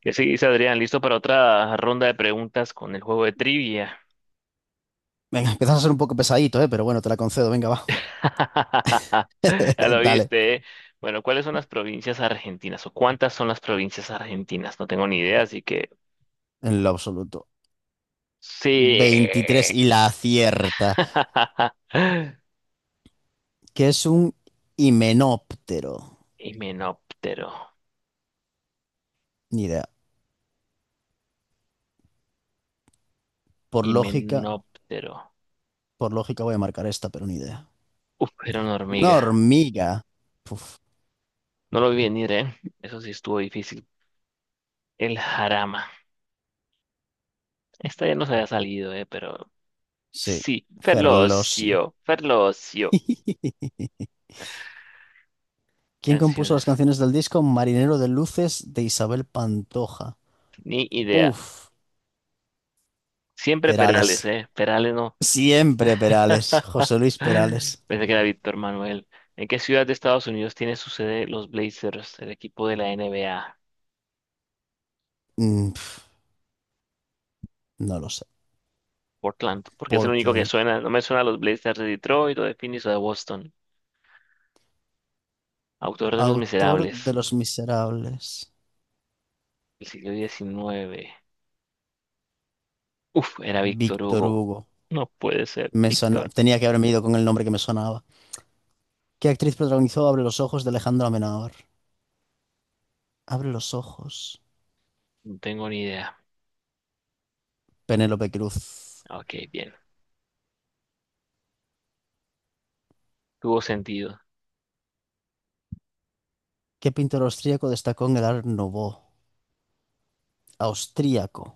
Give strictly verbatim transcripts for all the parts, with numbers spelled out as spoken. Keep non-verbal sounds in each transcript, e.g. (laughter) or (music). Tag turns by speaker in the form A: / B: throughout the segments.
A: Que sí, dice Adrián, listo para otra ronda de preguntas con el juego de trivia.
B: Venga, empiezas a ser un poco pesadito, ¿eh? Pero bueno, te la concedo, venga, va.
A: (laughs) Ya
B: (laughs)
A: lo
B: Dale,
A: viste, ¿eh? Bueno, ¿cuáles son las provincias argentinas o cuántas son las provincias argentinas? No tengo ni idea, así que
B: en lo absoluto.
A: sí.
B: Veintitrés y la acierta,
A: (laughs)
B: que es un himenóptero.
A: Himenóptero,
B: Ni idea. Por lógica,
A: himenóptero.
B: por lógica voy a marcar esta, pero ni idea.
A: Uf, era una
B: Una
A: hormiga.
B: hormiga. Uf,
A: No lo vi venir, ¿eh? Eso sí estuvo difícil. El Jarama. Esta ya nos había salido, ¿eh? Pero
B: sí,
A: sí.
B: Ferlosio.
A: Ferlosio, Ferlosio.
B: (laughs) ¿Quién compuso
A: Canciones.
B: las canciones del disco Marinero de Luces de Isabel Pantoja?
A: Ni idea.
B: Uf,
A: Siempre Perales,
B: Perales.
A: ¿eh? Perales no. (gasps)
B: Siempre Perales. José Luis
A: (sighs)
B: Perales.
A: Pensé que era Víctor Manuel. ¿En qué ciudad de Estados Unidos tiene su sede los Blazers, el equipo de la N B A?
B: Mm, pf, no lo sé.
A: Portland, porque es el único que
B: Portland.
A: suena. No me suena a los Blazers de Detroit o de Phoenix o de Boston. Autor de Los
B: Autor de
A: Miserables,
B: Los Miserables,
A: del siglo diecinueve. Uf, era Víctor
B: Víctor
A: Hugo.
B: Hugo.
A: No puede ser,
B: Me sona-
A: Víctor.
B: Tenía que haberme ido con el nombre que me sonaba. ¿Qué actriz protagonizó Abre los ojos de Alejandro Amenábar? Abre los ojos.
A: No tengo ni idea.
B: Penélope Cruz.
A: Ok, bien. Tuvo sentido.
B: ¿Qué pintor austríaco destacó en el Art Nouveau? Austríaco.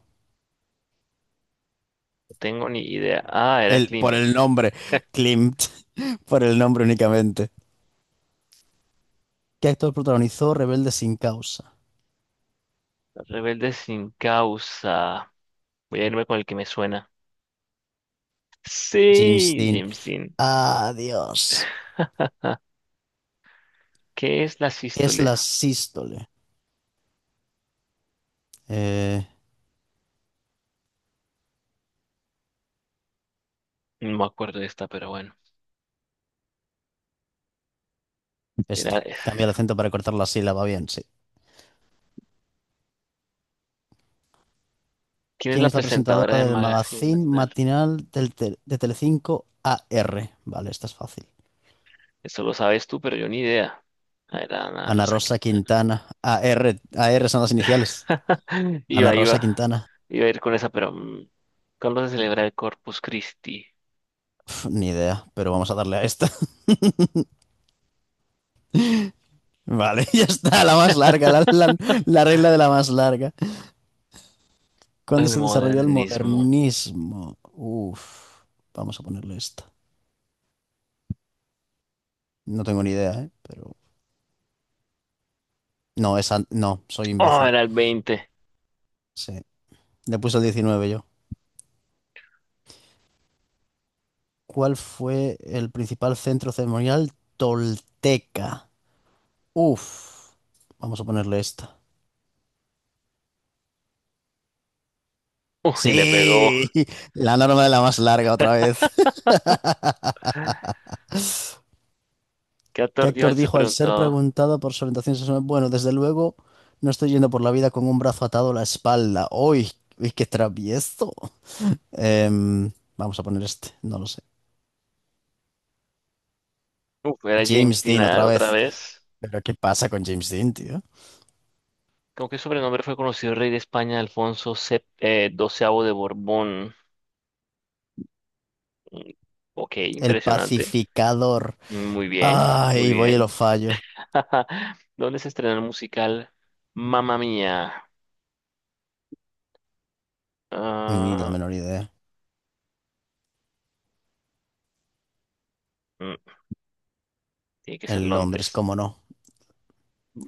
A: No tengo ni idea. Ah, era
B: El, por
A: Klimt.
B: el nombre, Klimt. (laughs) Por el nombre únicamente. ¿Qué actor protagonizó Rebelde sin causa?
A: Rebelde sin causa. Voy a irme con el que me suena.
B: James
A: Sí,
B: Dean.
A: James Dean.
B: Adiós.
A: (laughs) ¿Qué es la
B: ¿Qué es
A: sístole?
B: la sístole? Eh,
A: No me acuerdo de esta, pero bueno. Era,
B: esta.
A: es-
B: Cambia el acento para cortar la sílaba bien, sí.
A: ¿Quién es
B: quien
A: la
B: es la
A: presentadora
B: presentadora
A: de
B: del
A: Magazine
B: magazine
A: Matinal?
B: matinal del tel- de Telecinco A R? Vale, esta es fácil.
A: Eso lo sabes tú, pero yo ni idea. Ah, era Ana
B: Ana
A: Rosa
B: Rosa
A: Quintana.
B: Quintana. A R, A R son las iniciales.
A: (laughs) Iba,
B: Ana
A: iba.
B: Rosa Quintana.
A: Iba a ir con esa, pero mm, ¿cuándo se celebra el Corpus Christi?
B: Uf, ni idea, pero vamos a darle a esta. (laughs) Vale, (laughs) ya está, la más larga, la,
A: (laughs)
B: la- la regla de la más larga. ¿Cuándo
A: El
B: se desarrolló el
A: modernismo.
B: modernismo? Uf, vamos a ponerle esta. No tengo ni idea, ¿eh? Pero... No, esa... No, soy
A: Oh,
B: imbécil.
A: era el veinte.
B: Sí. Le puse el diecinueve yo. ¿Cuál fue el principal centro ceremonial tolteca? Uf, vamos a ponerle esta.
A: Uy, le pegó.
B: Sí, (laughs) la norma de la más larga otra vez.
A: ¿Qué
B: (laughs) ¿Qué
A: actor dio
B: actor
A: al ser
B: dijo al ser
A: preguntado?
B: preguntado por su orientación sexual? Bueno, desde luego, no estoy yendo por la vida con un brazo atado a la espalda. ¡Uy! ¡Uy, qué travieso! Em, Vamos a poner este, no lo sé.
A: Uf, era James
B: James
A: Dean,
B: Dean
A: ah,
B: otra
A: otra
B: vez.
A: vez.
B: ¿Pero qué pasa con James Dean, tío?
A: ¿Con qué sobrenombre fue conocido el rey de España, Alfonso X, eh, doce de Borbón? Mm, Ok,
B: El
A: impresionante.
B: pacificador.
A: Muy bien, muy
B: Ay, voy y lo
A: bien.
B: fallo.
A: (laughs) ¿Dónde se estrenó el musical Mamma Mía?
B: Ni la
A: Ah,
B: menor idea.
A: mm, Tiene que ser
B: En Londres,
A: Londres.
B: cómo no.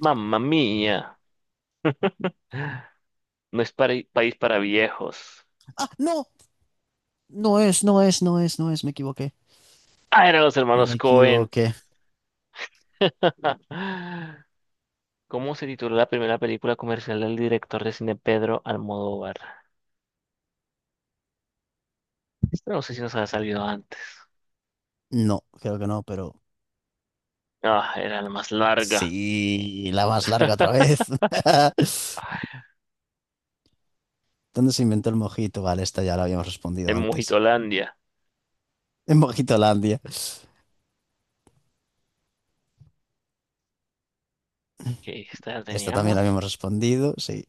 A: Mamma Mía. No es pari- país para viejos.
B: Ah, no, no es, no es, no es, no es, me equivoqué.
A: Ah, eran los hermanos
B: Me
A: Cohen.
B: equivoqué.
A: (laughs) ¿Cómo se tituló la primera película comercial del director de cine Pedro Almodóvar? Esta no sé si nos ha salido antes.
B: No, creo que no, pero
A: Ah, era la más larga.
B: sí, la más larga otra vez. (laughs)
A: Ah,
B: ¿Dónde se inventó el mojito? Vale, esta ya la habíamos
A: en
B: respondido antes.
A: Mojitolandia.
B: En Mojitolandia.
A: ¿Qué esta la
B: Esta también la
A: teníamos?
B: habíamos respondido, sí.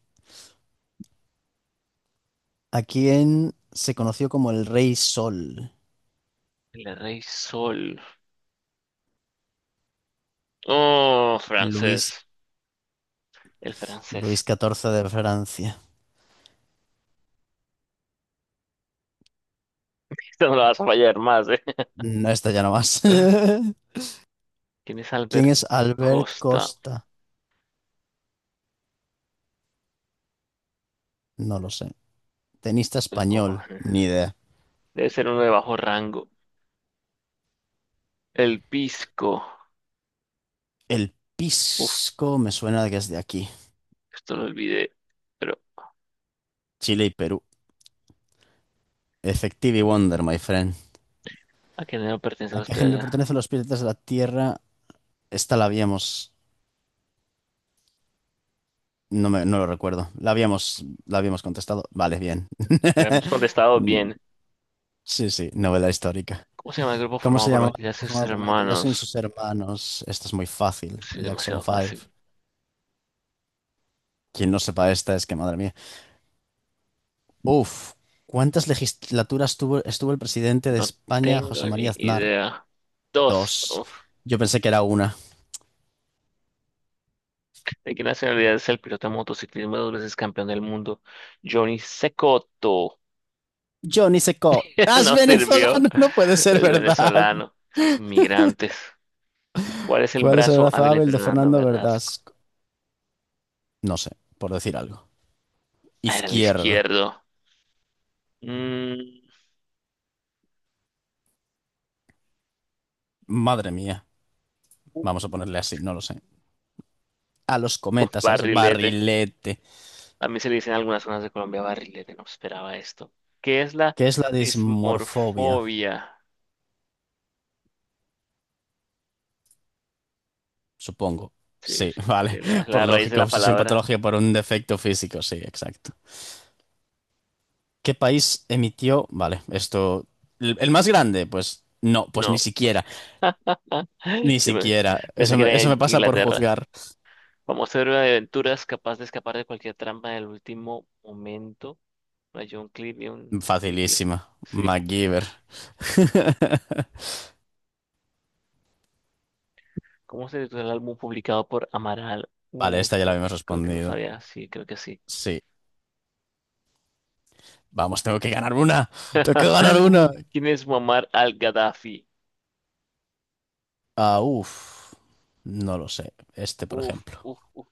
B: ¿A quién se conoció como el Rey Sol?
A: El Rey Sol. Oh,
B: Luis,
A: francés. El francés.
B: Luis catorce de Francia.
A: (laughs) Esta no la vas a fallar más, ¿eh?
B: No, esta ya no más.
A: (laughs)
B: (laughs)
A: ¿Quién es
B: ¿Quién
A: Albert
B: es Albert
A: Costa?
B: Costa? No lo sé. Tenista
A: Oh,
B: español, ni idea.
A: debe ser uno de bajo rango. El Pisco.
B: El
A: Uf,
B: Pisco me suena de que es de aquí.
A: esto lo olvidé. Pero
B: Chile y Perú. Effective y Wonder, my friend.
A: a quién no pertenece
B: ¿A
A: la
B: qué género
A: hospedada.
B: pertenecen los piratas de la Tierra? Esta la habíamos... No, me, no lo recuerdo. La habíamos, la habíamos contestado. Vale, bien.
A: Habíamos contestado bien.
B: (laughs) Sí, sí, novela histórica.
A: ¿Cómo se llama el grupo
B: ¿Cómo
A: formado
B: se
A: por
B: llamaba
A: Michael
B: el grupo
A: Jackson y
B: formado
A: sus
B: por Michael Jackson y
A: hermanos?
B: sus hermanos? Esto es muy fácil.
A: Sí,
B: Jackson
A: demasiado
B: Five.
A: fácil.
B: Quien no sepa esta es que, madre mía. Uf, ¿cuántas legislaturas tuvo, estuvo el presidente de
A: No
B: España, José
A: tengo
B: María
A: ni
B: Aznar?
A: idea. Dos.
B: Dos.
A: Uf.
B: Yo pensé que era una.
A: ¿De qué nacionalidad es el piloto de motociclismo dos veces campeón del mundo? Johnny Cecotto.
B: Johnny Seco.
A: (laughs)
B: ¡As
A: No sirvió.
B: venezolano! (laughs) No puede ser
A: El
B: verdad.
A: venezolano. Estos inmigrantes. ¿Cuál es el
B: ¿Cuál es el
A: brazo
B: brazo
A: hábil de
B: hábil de
A: Fernando
B: Fernando
A: Verdasco?
B: Verdasco? No sé, por decir algo.
A: Ah, era el
B: Izquierdo.
A: izquierdo. Mm,
B: Madre mía. Vamos a ponerle así, no lo sé. A los
A: uf,
B: cometas, ¿sabes?
A: Barrilete.
B: Barrilete.
A: A mí se le dice en algunas zonas de Colombia barrilete. No esperaba esto. ¿Qué es la
B: ¿Qué es la dismorfobia?
A: dismorfobia?
B: Supongo.
A: Sí,
B: Sí,
A: sí,
B: (laughs) vale.
A: de la
B: Por
A: la raíz de
B: lógica,
A: la
B: obsesión
A: palabra.
B: patológica por un defecto físico. Sí, exacto. ¿Qué país emitió? Vale, esto. ¿El el más grande? Pues no, pues ni
A: No.
B: siquiera.
A: (laughs)
B: Ni
A: Yo pe-
B: siquiera.
A: Pensé
B: Eso
A: que
B: me,
A: era
B: eso
A: en
B: me pasa por
A: Inglaterra.
B: juzgar.
A: Vamos a ver una de aventuras capaz de escapar de cualquier trampa en el último momento. Para John Cleese y un chicle.
B: Facilísima.
A: Sí.
B: MacGyver. (laughs)
A: ¿Cómo se titula el álbum publicado por Amaral?
B: Vale,
A: Uh,
B: esta ya la
A: esto c-
B: habíamos
A: creo que no
B: respondido.
A: sabía. Sí, creo que sí.
B: Sí. Vamos, tengo que ganar una. Tengo que
A: (laughs)
B: ganar una.
A: ¿Quién es Muammar al-Gaddafi?
B: Ah, uff. No lo sé. Este, por
A: Uf,
B: ejemplo.
A: uf, uf.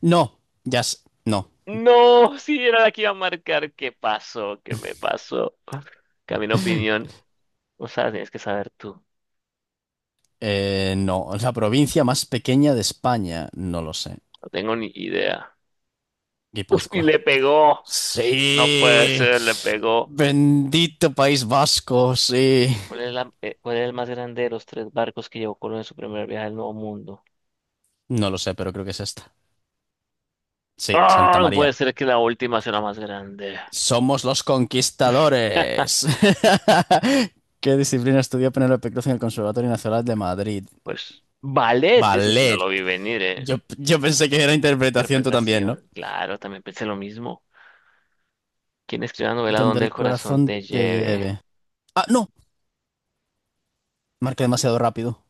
B: No. Ya s- No.
A: No, sí, era la que iba a marcar. ¿Qué pasó? ¿Qué me pasó? Camino opinión. O sea, tienes que saber tú.
B: Eh, no. La provincia más pequeña de España. No lo sé.
A: No tengo ni idea. Uf, y
B: Guipúzcoa.
A: le pegó. No puede
B: Sí.
A: ser, le pegó.
B: Bendito País Vasco. Sí.
A: ¿Cuál es la- eh, cuál es el más grande de los tres barcos que llevó Colón en su primer viaje al Nuevo Mundo?
B: No lo sé, pero creo que es esta. Sí,
A: Ah,
B: Santa
A: no puede
B: María.
A: ser que la última sea la más grande.
B: Somos los conquistadores.
A: (laughs)
B: (laughs) ¿Qué disciplina estudió Penélope Cruz en el Conservatorio Nacional de Madrid?
A: Pues, ballet, ese sí no
B: Ballet.
A: lo vi venir, ¿eh?
B: Yo, yo pensé que era interpretación, tú también, ¿no?
A: Interpretación, claro, también pensé lo mismo. ¿Quién escribió la novela
B: Donde
A: Donde el
B: el
A: corazón
B: corazón
A: te
B: te
A: lleve?
B: lleve. Ah, no. Marqué demasiado rápido.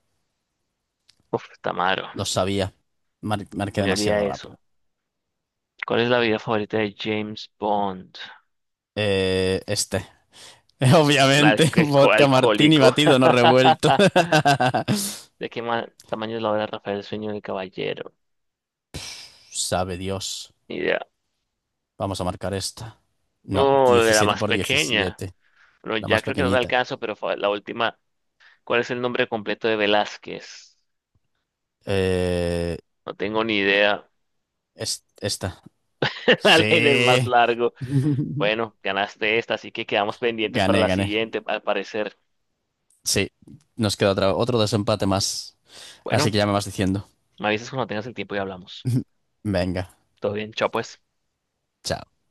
A: Uf, Tamaro,
B: Lo sabía. Mar- marqué
A: me olía
B: demasiado
A: eso.
B: rápido.
A: ¿Cuál es la vida favorita de James Bond?
B: Eh, este. (laughs) Obviamente,
A: Alco- alco-
B: vodka martini
A: alcohólico.
B: batido, no revuelto.
A: (laughs)
B: (laughs)
A: ¿De qué ma- tamaño es la obra Rafael, el sueño del caballero?
B: Sabe Dios. Vamos a marcar esta. No,
A: Oh, de la
B: Diecisiete
A: más
B: por
A: pequeña.
B: diecisiete.
A: Bueno,
B: La
A: ya
B: más
A: creo que no da el
B: pequeñita.
A: caso, pero fue la última. ¿Cuál es el nombre completo de Velázquez?
B: Eh,
A: No tengo ni idea.
B: es- esta.
A: (laughs) La ley del más
B: Sí.
A: largo.
B: (laughs)
A: Bueno, ganaste esta, así que quedamos pendientes para
B: Gané,
A: la
B: gané.
A: siguiente, al parecer.
B: Sí. Nos queda otra, otro desempate más. Así
A: Bueno,
B: que ya me vas diciendo.
A: me avisas cuando tengas el tiempo y hablamos.
B: Venga.
A: Todo bien, chao pues.
B: Chao.